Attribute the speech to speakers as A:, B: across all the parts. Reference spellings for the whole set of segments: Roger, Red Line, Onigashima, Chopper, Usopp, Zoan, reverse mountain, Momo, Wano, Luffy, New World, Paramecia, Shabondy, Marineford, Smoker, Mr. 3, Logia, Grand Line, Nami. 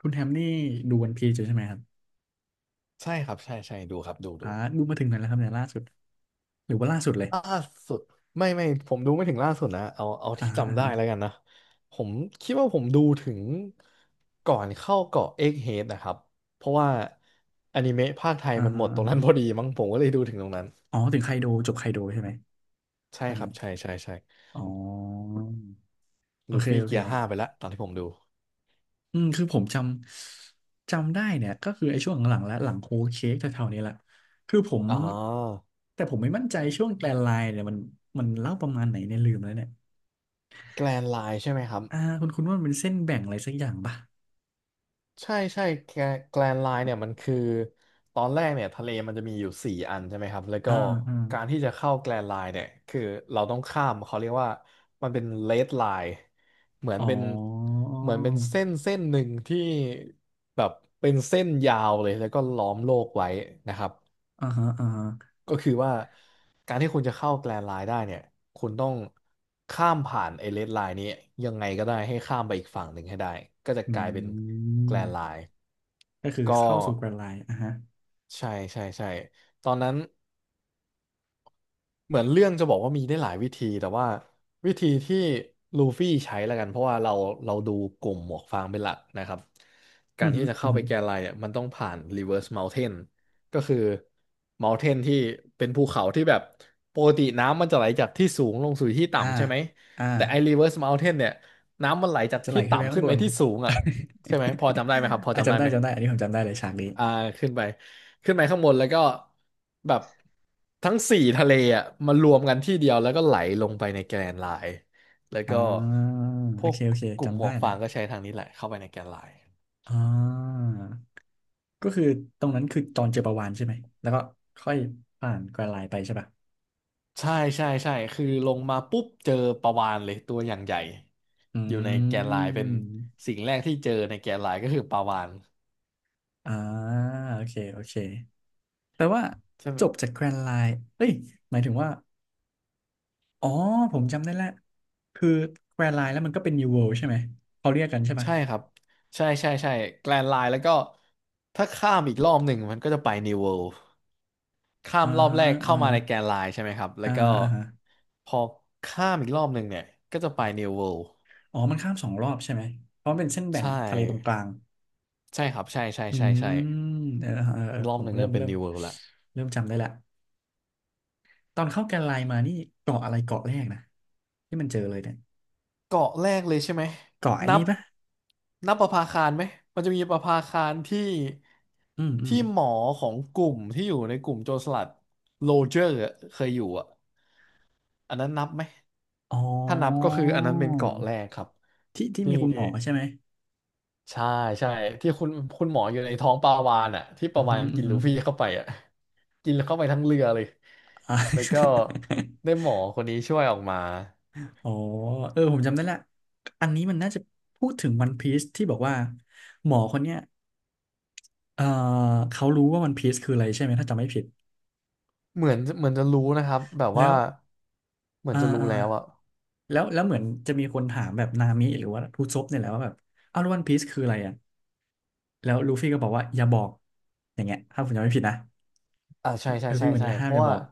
A: คุณแฮมนี่ดูวันพีซอยู่ใช่ไหมครับ
B: ใช่ครับใช่ใช่ดูครับดูดู
A: อ่าดูมาถึงไหนแล้วครับเนี่ยล่าสุดหรือว่าล่าสุดเลย
B: ล่าสุดไม่ผมดูไม่ถึงล่าสุดนะเอา
A: อ่า
B: ที่
A: ฮะอ่า
B: จำได้
A: ฮะ
B: แล้วกันนะผมคิดว่าผมดูถึงก่อนเข้าเกาะเอ็กเฮดนะครับเพราะว่าอนิเมะภาคไทย
A: อ่า
B: มันห
A: ฮะ
B: มดต
A: อา
B: รงนั้นพอ
A: ฮะ
B: ดีมั้งผมก็เลยดูถึงตรงนั้น
A: อ๋อถึงไคโดจบไคโดใช่ไหม
B: ใช่
A: ตอน
B: ครั
A: นั้น
B: บใช่ใช่ใช่
A: อ๋อโอ
B: ลู
A: เค
B: ฟี่
A: โอเค
B: เกียร์ห้าไปแล้วตอนที่ผมดู
A: อืมคือผมจำจำได้เนี่ยก็คือไอ้ช่วงหลังๆและหลังโฮลเค้กแถวๆนี้แหละคือผม
B: อ๋อ
A: แต่ผมไม่มั่นใจช่วงแกรนไลน์เนี่ยมันเล่าประมาณไหนเนี่ยลืมแล้วเนี่ย
B: แกรนไลน์ใช่ไหมครับ
A: อ่าคุณคุณว่ามันเป็นเส้นแบ่งอะไรสักอย่างป่ะ
B: ใช่ใช่แกลนไลน์เนี่ยมันคือตอนแรกเนี่ยทะเลมันจะมีอยู่สี่อันใช่ไหมครับแล้วก็
A: อ่าอ่า
B: การที่จะเข้าแกลนไลน์เนี่ยคือเราต้องข้ามเขาเรียกว่ามันเป็นเลดไลน์เหมือน
A: อ๋อ
B: เป็นเหมือนเป็นเส้นเส้นหนึ่งที่แบบเป็นเส้นยาวเลยแล้วก็ล้อมโลกไว้นะครับ
A: อ่าฮะอ่าฮะ
B: ก็คือว่าการที่คุณจะเข้าแกรนด์ไลน์ได้เนี่ยคุณต้องข้ามผ่านไอ้เรดไลน์นี้ยังไงก็ได้ให้ข้ามไปอีกฝั่งหนึ่งให้ได้ก็จะ
A: อื
B: กลายเป็นแกรนด์ไล
A: ม
B: น์
A: ก็คือ
B: ก็
A: เข้าสู่แกรนไลน์อ่ะฮะ
B: ใช่ใช่ใช่ตอนนั้น เหมือนเรื่องจะบอกว่ามีได้หลายวิธีแต่ว่าวิธีที่ลูฟี่ใช้แล้วกันเพราะว่าเราดูกลุ่มหมวกฟางเป็นหลักนะครับกา
A: อื
B: ร
A: อฮึ
B: ที่จะ
A: อื
B: เข้า
A: อ
B: ไป
A: ฮึ
B: แกนไลน์เนี่ยมันต้องผ่าน reverse mountain ก็คือ mountain ที่เป็นภูเขาที่แบบปกติน้ำมันจะไหลจากที่สูงลงสู่ที่
A: อ่า
B: ต่ำใช่ไหม
A: อ่า
B: แต่ไอ้ reverse mountain เนี่ยน้ำมันไหลจาก
A: จะไหล
B: ที่
A: ขึ้นไป
B: ต่ำ
A: ข้า
B: ขึ้
A: ง
B: น
A: บ
B: ไป
A: น
B: ที่สูงอ่ะใช่ไหมพอจำได้ไหมครับพอ
A: อ่ะ
B: จำได้
A: จำได้
B: ไหม
A: จำได้อันนี้ผมจำได้เลยฉากนี้
B: อ่าขึ้นไปขึ้นไปข้างบนแล้วก็แบบทั้งสี่ทะเลอ่ะมารวมกันที่เดียวแล้วก็ไหลลงไปในแกรนด์ไลน์แล้ว
A: อ่
B: ก็
A: า
B: พ
A: โอ
B: วก
A: เคโอเค
B: กลุ่มห
A: จำ
B: ม
A: ได้
B: วก
A: แล้
B: ฟา
A: ว
B: งก็ใช้ทางนี้แหละเข้าไปในแกรนด์ไลน์
A: อ่าก็คือตรงนั้นคือตอนเจอปลาวาฬใช่ไหมแล้วก็ค่อยผ่านแกรนไล์ไปใช่ป่ะ
B: ใช่ใช่ใช่คือลงมาปุ๊บเจอปลาวาฬเลยตัวอย่างใหญ่
A: อื
B: อยู่ในแกรนด์ไลน์เป็น
A: ม
B: สิ่งแรกที่เจอในแกรนด์ไลน์ก็คือปลาวาฬ
A: อ่าโอเคโอเคแปลว่า
B: ใช่ไหม
A: จบจากแกรนไลน์เอ้ยหมายถึงว่า อ๋อผมจำได้แล้วคือแควร์ไลน์แล้วมันก็เป็น New World ใช่ไหมเขาเรียกกันใช่ปะ
B: ใช่ครับใช่ใช่ใช่แกรนด์ไลน์แล้วก็ถ้าข้ามอีกรอบหนึ่งมันก็จะไปนิวเวิลด์ ข้า
A: อ่า
B: มรอบ
A: ฮะ
B: แรกเข้า
A: อ่า
B: มา
A: ฮะ
B: ในแกนไลน์ใช่ไหมครับ แล้
A: อ่า
B: วก็
A: ฮะอ่าฮะ
B: พอข้ามอีกรอบหนึ่งเนี่ย ก็จะไป New World
A: อ๋อมันข้ามสองรอบใช่ไหมเพราะมันเป็นเส้นแบ่
B: ใช
A: งทะเลตรงก
B: ่
A: ลาง
B: ใช่ครับใช่ใช่
A: อื
B: ใช่ใช่
A: มเออเออเออ
B: อีกรอ
A: ผ
B: บห
A: ม
B: นึ่ง
A: เริ่
B: จะ
A: ม
B: เป็น
A: เริ่ม
B: New World ละ
A: เริ่มจำได้ละตอนเข้าแกนไลน์มานี่เกาะอะไรเกาะแรกนะที่มันเจอเลยเนี่ย
B: เกาะแรกเลยใช่ไหม
A: เกาะไอ้
B: นั
A: นี่
B: บ
A: ปะ
B: นับประภาคารไหมมันจะมีประภาคารที่
A: อืมอืม
B: ที่หมอของกลุ่มที่อยู่ในกลุ่มโจรสลัดโรเจอร์อะเคยอยู่อ่ะอันนั้นนับไหม
A: อ๋
B: ถ้านับก็
A: อ
B: คืออันนั้นเป็นเกาะแรกครับ
A: ที่ที่
B: ที่
A: มีคุณหมอใช่ไหม
B: ใช่ใช่ที่คุณหมออยู่ในท้องปลาวาฬอ่ะที่ป
A: อื
B: ลา
A: มอ
B: วา
A: หื
B: ฬ
A: มออือ
B: กิน
A: หื
B: ลู
A: อ
B: ฟี่เข้าไปอ่ะกินเข้าไปทั้งเรือเลย
A: อ่า
B: แล้วก็ได้ หมอคนนี้ช่วยออกมา
A: อ๋อเออผมจำได้ละอันนี้มันน่าจะพูดถึงวันพีซที่บอกว่าหมอคนเนี้ยเออเขารู้ว่าวันพีซคืออะไรใช่ไหมถ้าจำไม่ผิด
B: เหมือนจะรู้นะครับแบบ
A: แล้
B: ว่า
A: ว
B: เหมือน
A: อ่า
B: จะรู้
A: อ่า
B: แล้วอ่ะ
A: แล้วแล้วเหมือนจะมีคนถามแบบนามิหรือว่าทูซบเนี่ยแหละว่าแบบอ้าวแล้ววันพีซคืออะไรอ่ะแล้วลูฟี่ก็บอกว่าอย่าบอกอย่างเงี้ยถ้าผมจำไม่ผิดนะ
B: อ่าใช่ใช่
A: ลู
B: ใช่
A: ฟี่เหมือน
B: ใช่
A: จะห้า
B: เพ
A: มอ
B: ราะ
A: ย่า
B: ว่า
A: บอก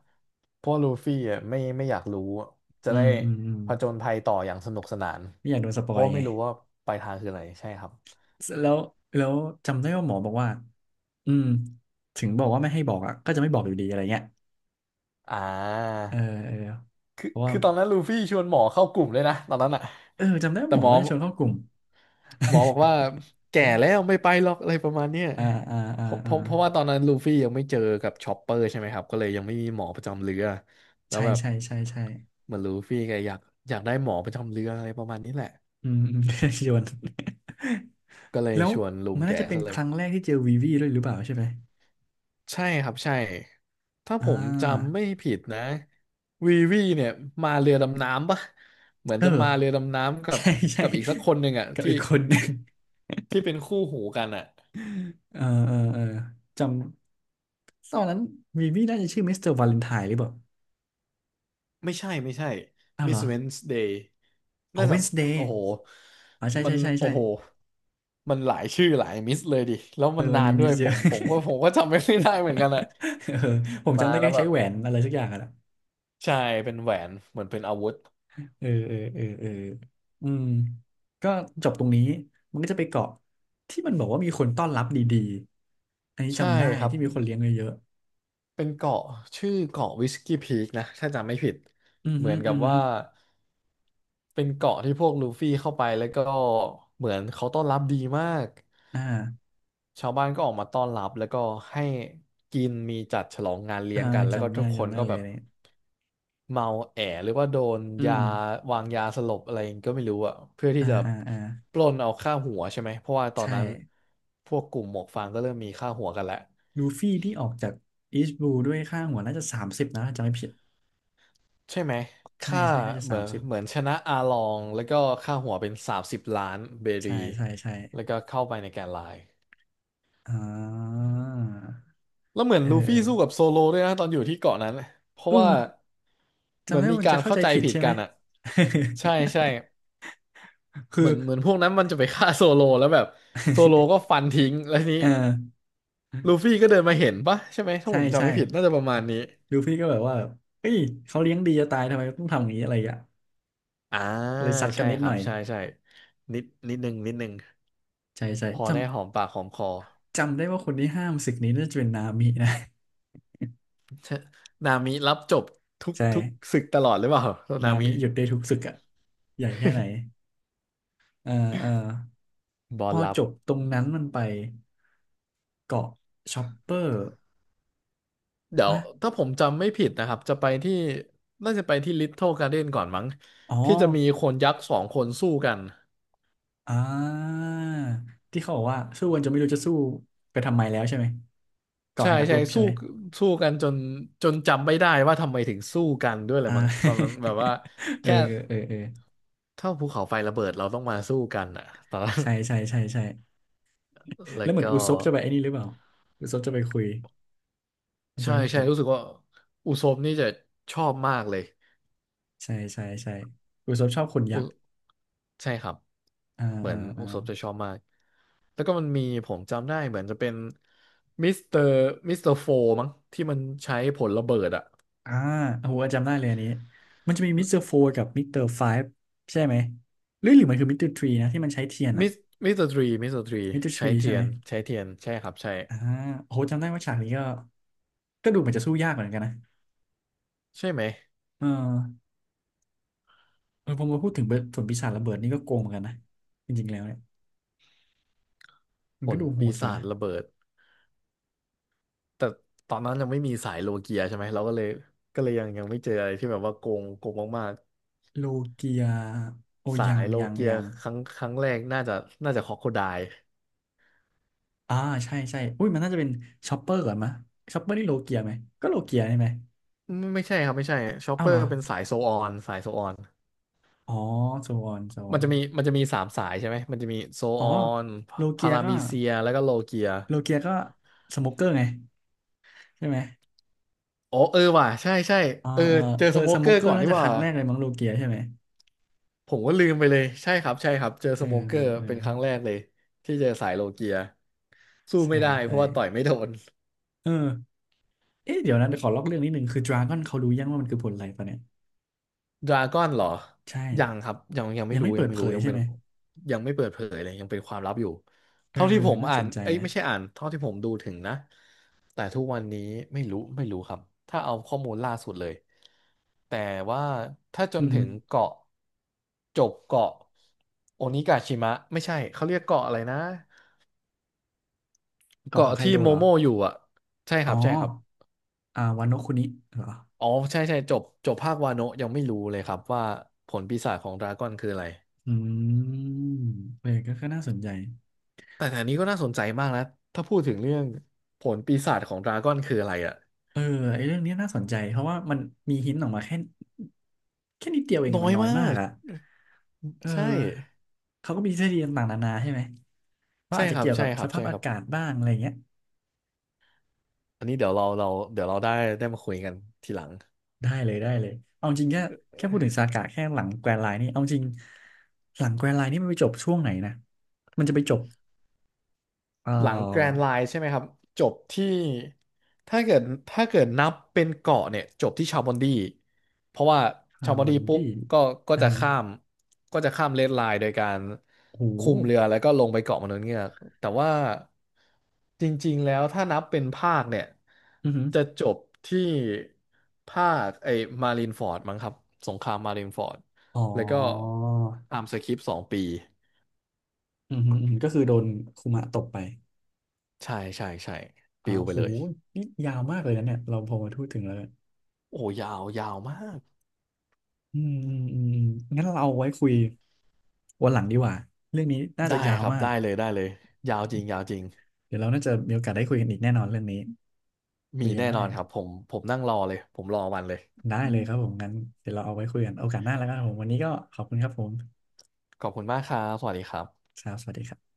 B: เพราะลูฟี่อ่ะไม่อยากรู้อะจะ
A: อื
B: ได้
A: มอืมอืม
B: ผจญภัยต่ออย่างสนุกสนาน
A: ไม่อยากโดนสป
B: เพ
A: อ
B: ราะ
A: ยไง
B: ไม่รู้ว่าปลายทางคืออะไรใช่ครับ
A: แล้วแล้วจำได้ว่าหมอบอกว่าอืมถึงบอกว่าไม่ให้บอกอ่ะก็จะไม่บอกอยู่ดีอะไรเงี้ย
B: อ่า
A: เออเออ
B: คือ
A: เพราะว่า
B: คือตอนนั้นลูฟี่ชวนหมอเข้ากลุ่มเลยนะตอนนั้นอ่ะ
A: เออจำได้ว่า
B: แต่
A: หม
B: ห
A: อ
B: มอ
A: น่าจะชวนเข้ากลุ่ม
B: หมอบอกว่าแก่แล้วไม่ไปหรอกอะไรประมาณเนี้ย
A: อ่าอ่าอ่า
B: เพราะเพ
A: อ่า
B: ราะเพราะว่าตอนนั้นลูฟี่ยังไม่เจอกับชอปเปอร์ใช่ไหมครับก็เลยยังไม่มีหมอประจำเรือแล้ว
A: ใช่
B: แบบ
A: ใช่ใช่ใช่
B: เหมือนลูฟี่แกอยากได้หมอประจำเรืออะไรประมาณนี้แหละ
A: อืม อืม โยน
B: ก็เลย
A: แล้ว
B: ชวนลุง
A: มัน
B: แก
A: น่าจะเป็น
B: ซะเล
A: ค
B: ย
A: รั้งแรกที่เจอวีวีด้วยหรือเปล่าใช่ไหม
B: ใช่ครับใช่ถ้า
A: อ่
B: ผม
A: า
B: จำไม่ผิดนะวีวีเนี่ยมาเรือดำน้ำปะเหมือน
A: เอ
B: จะมา
A: อ
B: เรือดำน้ำกับ
A: ใช่ใช่
B: กับอีกสักคนหนึ่งอะ
A: กับ
B: ที่
A: อีกคนหนึ่ง
B: ที่เป็นคู่หูกันอะ
A: เออเออเออจำตอนนั้นวีวีน่าจะชื่อมิสเตอร์วาเลนไทน์หรือเปล่า
B: ไม่ใช่ไม่ใช่
A: อ้าวเหร
B: Miss
A: อ
B: Wednesday
A: อ๋อ
B: น่า
A: เว
B: จะ
A: นสเดย์
B: โอ้โห
A: อ๋อใช่
B: มั
A: ใช่
B: น
A: ใช่ใช่
B: โอ้โห มันหลายชื่อหลายมิสเลยดิ แล้ว
A: เอ
B: มั
A: อ
B: น
A: มั
B: นา
A: น
B: น
A: มี
B: ด้
A: มิ
B: ว
A: ส
B: ยผ
A: เยอะ
B: มผมก็ผมก็จำไม่ได้เหมือนกันอะ
A: เออผมจำ
B: มา
A: ได้
B: แล้
A: แค่
B: วแบ
A: ใช้
B: บ
A: แหวนอะไรสักอย่างอะนะ
B: ใช่ เป็นแหวน เหมือนเป็นอาวุธ
A: เออเออเออเอออืม ก็จบตรงนี้ มันก็จะไปเกาะที่มันบอกว่ามีคนต้อนรับดีๆ อันนี้
B: ใช่
A: จำได้
B: ครับ
A: ที่มีคนเลี้ยงเยอะ
B: เป็นเกาะชื่อเกาะวิสกี้พีกนะถ้าจำไม่ผิด
A: ๆอืม
B: เหมื
A: ฮึ
B: อนกั
A: อื
B: บ
A: มฮึ
B: ว่าเป็นเกาะที่พวกลูฟี่เข้าไปแล้วก็เหมือนเขาต้อนรับดีมาก
A: อ่า
B: ชาวบ้านก็ออกมาต้อนรับแล้วก็ให้กินมีจัดฉลองงานเลี้
A: อ่า
B: ยงกันแล้วก็
A: จำได้
B: ทุกคน
A: จำได้
B: ก็
A: เล
B: แบ
A: ย
B: บ
A: เนี่ย
B: เมาแอหรือว่าโดน
A: อื
B: ยา
A: ม
B: วางยาสลบอะไรก็ไม่รู้อะเพื่อที่
A: อ่า
B: จะ
A: อ่าอ่า
B: ปล้นเอาค่าหัวใช่ไหมเพราะว่าตอน
A: ใช่
B: นั้นพวกกลุ่มหมวกฟางก็เริ่มมีค่าหัวกันแล้ว
A: ลูฟี่ที่ออกจากอีสต์บลูด้วยค่าหัวน่าจะสามสิบนะถ้าจำไม่ผิด
B: ใช่ไหม
A: ใช่
B: ค่า
A: ใช่น่าจะ
B: เห
A: สา
B: มือ
A: ม
B: น
A: สิบ
B: เหมือนชนะอาลองแล้วก็ค่าหัวเป็นสามสิบล้านเบรี
A: ใช่ใช่ใช่
B: แล้วก็เข้าไปในแกนไลน์
A: อ่า
B: แล้วเหมือน
A: เออ
B: ลู
A: เอ
B: ฟี่
A: อ
B: สู้กับโซโลด้วยนะตอนอยู่ที่เกาะนั้นเพ
A: เอ
B: ราะว่า
A: อ
B: เหมื
A: จำ
B: อน
A: ได้
B: มี
A: ว่ามัน
B: กา
A: จะ
B: ร
A: เข้า
B: เข้า
A: ใจ
B: ใจ
A: ผิด
B: ผิด
A: ใช่ไห
B: กั
A: ม
B: นอ่ะใช่ใช่ เห
A: คือ
B: มือนเหมือนพวกนั้นมันจะไปฆ่าโซโลแล้วแบบโซโลก็ฟันทิ้งแล้วทีนี้
A: เออ
B: ลูฟี่ก็เดินมาเห็นปะใช่ไหมถ้า
A: ใช่
B: ผมจำ
A: ใช่
B: ไม่ผิดน่าจะประมาณนี้
A: ดูพี่ก็แบบว่าแบบเฮ้ยเขาเลี้ยงดีจะตายทำไมต้องทำอย่างนี้อะไรอย่างเงี้ย
B: อ่า
A: เลยซัดกั
B: ใช่
A: นนิด
B: ค
A: ห
B: รั
A: น่
B: บ
A: อย
B: ใช่ใช่นิดนึง
A: ใช่ใช่
B: พอ
A: จ
B: ได้หอมปากหอมคอ
A: ำจำได้ว่าคนที่ห้ามศึกนี้น่าจะเป็นนามินะ
B: นามิรับจบทุ ก
A: ใช่
B: ทุกศึกตลอดหรือเปล่านา
A: นา
B: มิ
A: มิหยุดได้ทุกศึกอะใหญ่แค่ไหน เออเออ
B: บอ
A: พ
B: ล
A: อ
B: รับ
A: จบตรงนั้นมันไปเกาะชอปเปอร์
B: เดี๋ยว
A: วะ
B: ถ้าผมจำไม่ผิดนะครับจะไปที่น่าจะไปที่ลิ เทิลการ์เด้นก่อนมั้ง
A: อ๋อ
B: ที่จะมีคนยักษ์สองคนสู้กัน
A: อ่าที่เขาบอกว่าสู้กันจนไม่รู้จะสู้ไปทำไมแล้วใช่ไหมก่อ
B: ใช่
A: ให้นักร
B: ใช่
A: บใช่
B: สู้
A: ไหม
B: สู้กันจนจนจำไม่ได้ว่าทำไมถึงสู้กันด้วยเลย
A: อ่
B: มั้งตอน
A: า
B: นั้นแบบว่า
A: เออ
B: แค่
A: เออเออ
B: เท่าภูเขาไฟระเบิดเราต้องมาสู้กันอ่ะตอนนั้น
A: ใช่ใช่ใช่ใช่
B: แล้
A: แล้ว
B: ว
A: เหมือน
B: ก็
A: อุซบจะไปไอ้นี่หรือเปล่าอุซบจะไปคุยจำ
B: ใช่
A: ไม่
B: ใช่
A: ผิด
B: รู้สึกว่าอุซบนี่จะชอบมากเลย
A: ใช่ใช่ใช่อุซบชอบขนยั
B: อุ
A: กษ์
B: ใช่ครับ
A: อ่า
B: เหมื
A: อ่า
B: อน
A: อ่า
B: อุศบจะชอบมากแล้วก็มันมีผมจำได้เหมือนจะเป็นมิสเตอร์มิสเตอร์โฟมั้งที่มันใช้ผลระเบิดอะ
A: อ่าโอ้โหจำได้เลยอันนี้มันจะมีมิสเตอร์โฟกับมิสเตอร์ไฟฟ์ใช่ไหมหรือหรือมันคือมิสเตอร์ทรีนะที่มันใช้เทียนอ่ะ
B: มิสมิสเตอร์ทรีมิสเตอร์ทรี
A: มิสเตอร์ท
B: ใช้
A: รีใช่
B: เที
A: ไห
B: ย
A: ม
B: นใช้เทียนใช่ครับใช่
A: อ่าโอ้โหจำได้ว่าฉากนี้ก็ก็ดูเหมือนจะสู้ยากเหมือนกันนะ
B: ใช่ไหม
A: เออเออพอมาพูดถึงเบิร์ดส่วนปีศาจระเบิดนี่ก็โกงเหมือนกันนะจริงๆแล้วเนี่ยมั
B: ผ
A: นก็
B: ล
A: ดูโห
B: ปี
A: ดอยู่
B: ศา
A: นะ
B: จระเบิดแต่ตอนนั้นยังไม่มีสายโลเกียใช่ไหมเราก็เลยยังไม่เจออะไรที่แบบว่าโกงโกงมาก
A: โลเกียโอ
B: ๆสา
A: ยัง
B: ยโล
A: ยัง
B: เกีย
A: ยัง
B: ครั้งแรกน่าจะครอกโคไดล์
A: อ่าใช่ใช่อุ้ยมันน่าจะเป็นชอปเปอร์ก่อนมะชอปเปอร์นี่โลเกียไหมก็โลเกียใช่ไหม
B: ไม่ใช่ครับไม่ใช่ชอป
A: อ้า
B: เป
A: ว
B: อ
A: เหรอ
B: ร์เป็นสายโซออนสายโซออน
A: อ๋อโซนโซน
B: มันจะมีสามสายใช่ไหมมันจะมีโซ
A: อ๋อ
B: ออน
A: โลเกี
B: พา
A: ย
B: รา
A: ก็
B: มีเซียแล้วก็โลเกีย
A: โลเกียก็สโมกเกอร์ไงใช่ไหม
B: อ๋อเออว่ะใช่ใช่
A: อ่า
B: เออ
A: เออ
B: เจอ
A: เอ
B: ส
A: อ
B: โม
A: ส
B: เก
A: โม
B: อ
A: กเก
B: ร์
A: อ
B: ก่อ
A: ร์
B: น
A: น่า
B: นี่
A: จะ
B: ห
A: ค
B: ว่า
A: รั้งแรกเลยมั้งโลเกียใช่ไหม
B: ผมก็ลืมไปเลยใช่ครับใช่ครับเจอ
A: เอ
B: ส
A: อ
B: โมเกอร์
A: เออ
B: เป็นครั้งแรกเลยที่เจอสายโลเกียสู้
A: ใช่
B: ไม่ได้เพ
A: ใช่
B: ราะว่าต่อยไม่โดน
A: เออเอ๊ะเดี๋ยวนะเดี๋ยวขอลอกเรื่องนิดนึงคือดราก้อนเขารู้ยังว่ามันคือผลอะไรปะเนี่ย
B: ดราก้อนเหรอ
A: ใช่
B: ยังครับยังไม่
A: ยัง
B: รู้
A: ไม่เปิดเผย
B: ยัง
A: ใช่
B: เป็น
A: ไหม
B: ยังไม่เปิดเผยเลยยังเป็นความลับอยู่
A: เออ
B: เท่าที่ผม
A: น่า
B: อ่า
A: ส
B: น
A: นใจ
B: เอ้ย
A: นะ
B: ไม่ใช่อ่านเท่าที่ผมดูถึงนะแต่ทุกวันนี้ไม่รู้ครับถ้าเอาข้อมูลล่าสุดเลยแต่ว่าถ้าจ
A: อื
B: น
A: อหื
B: ถึ
A: อ
B: งเกาะจบเกาะโอนิกาชิมะไม่ใช่เขาเรียกเกาะอะไรนะ
A: เกาะขอ
B: เกาะ
A: งไค
B: ที่
A: โด
B: โม
A: เหรอ
B: โมอยู่อ่ะใช่ค
A: อ๋อ
B: รับ
A: อ่าวานโนะคุนิเหรอ
B: อ๋อใช่ใช่จบจบภาควาโนะยังไม่รู้เลยครับว่าผลปีศาจของดราก้อนคืออะไร
A: อืมเออก็ก็น่าสนใจ
B: แต่อันนี้ก็น่าสนใจมากนะถ้าพูดถึงเรื่องผลปีศาจของดราก้อนคืออะไรอะ
A: เออไอ้เรื่องนี้น่าสนใจ เพราะว่ามันมีหินออกมาแค่แค่นิดเดียวเอง
B: น้
A: อะ
B: อ
A: มั
B: ย
A: นน้อย
B: มา
A: มาก
B: ก
A: อะเอ
B: ใช่
A: อ เขาก็มีทฤษฎีต่างๆนานาใช่ไหมว่า
B: ใช่
A: อาจจะ
B: ครับ
A: เกี่ยวกั
B: ใช่
A: บ
B: ค
A: ส
B: รับ
A: ภาพ
B: ใช่ค
A: อา
B: รับ
A: กาศบ้างอะไรเงี้ย
B: อันนี้เดี๋ยวเราเดี๋ยวเราได้มาคุยกันทีหลัง
A: ได้เลยได้เลยเอาจริงแค่แค่พูดถึงสาพากะแค่หลังแกรนด์ไลน์นี่เอาจริงหลังแกรนด์ไลน์นี่มันไปจบช่วงไหนนะมันจะไปจบเอ่
B: หลังแกรน
A: อ
B: ด์ไลน์ใช่ไหมครับจบที่ถ้าเกิดนับเป็นเกาะเนี่ยจบที่ชาบอนดีเพราะว่า
A: คา
B: ชา
A: ร์
B: บอ
A: บ
B: น
A: อ
B: ดี
A: น
B: ปุ๊บ
A: ดี้
B: ก็
A: อ่า
B: จะ
A: ฮะ
B: ข้ามเรดไลน์โดยการ
A: โ
B: คุม
A: ห
B: เรือแล้วก็ลงไปเกาะมนุษย์เงือกแต่ว่าจริงๆแล้วถ้านับเป็นภาคเนี่ย
A: อือหือ
B: จะจบที่ภาคไอ้มารินฟอร์ดมั้งครับสงครามมารินฟอร์ด
A: อ๋อ
B: แล้วก็ตามสคริปต์สองปี
A: อืมอืมอืมก็คือโดนคุมะตบไป
B: ใช่ใช่ใช่
A: อ่า
B: ปิวไป
A: โห
B: เลย
A: นี่ยาวมากเลยนะเนี่ยเราพอมาพูดถึงแล้วเนี่ย
B: โอ้โหยาวยาวมาก
A: อืมอืมอืมงั้นเราเอาไว้คุยวันหลังดีกว่าเรื่องนี้น่าจะ
B: ได้
A: ยาว
B: ครับ
A: มาก
B: ได้เลยได้เลยยาวจริงยาวจริง
A: เดี๋ยวเราน่าจะมีโอกาสได้คุยกันอีกแน่นอนเรื่องนี้คุ
B: มี
A: ยกัน
B: แน่น
A: ได้
B: อนครับผมนั่งรอเลยผมรอวันเลย
A: ได้เลยครับผมงั้นเดี๋ยวเราเอาไว้คุยกันโอกาสหน้าแล้วกันครับผมวันนี้ก็ขอบคุณครับผม
B: ขอบคุณมากครับสวัสดีครับ
A: ครับสวัสดีครับ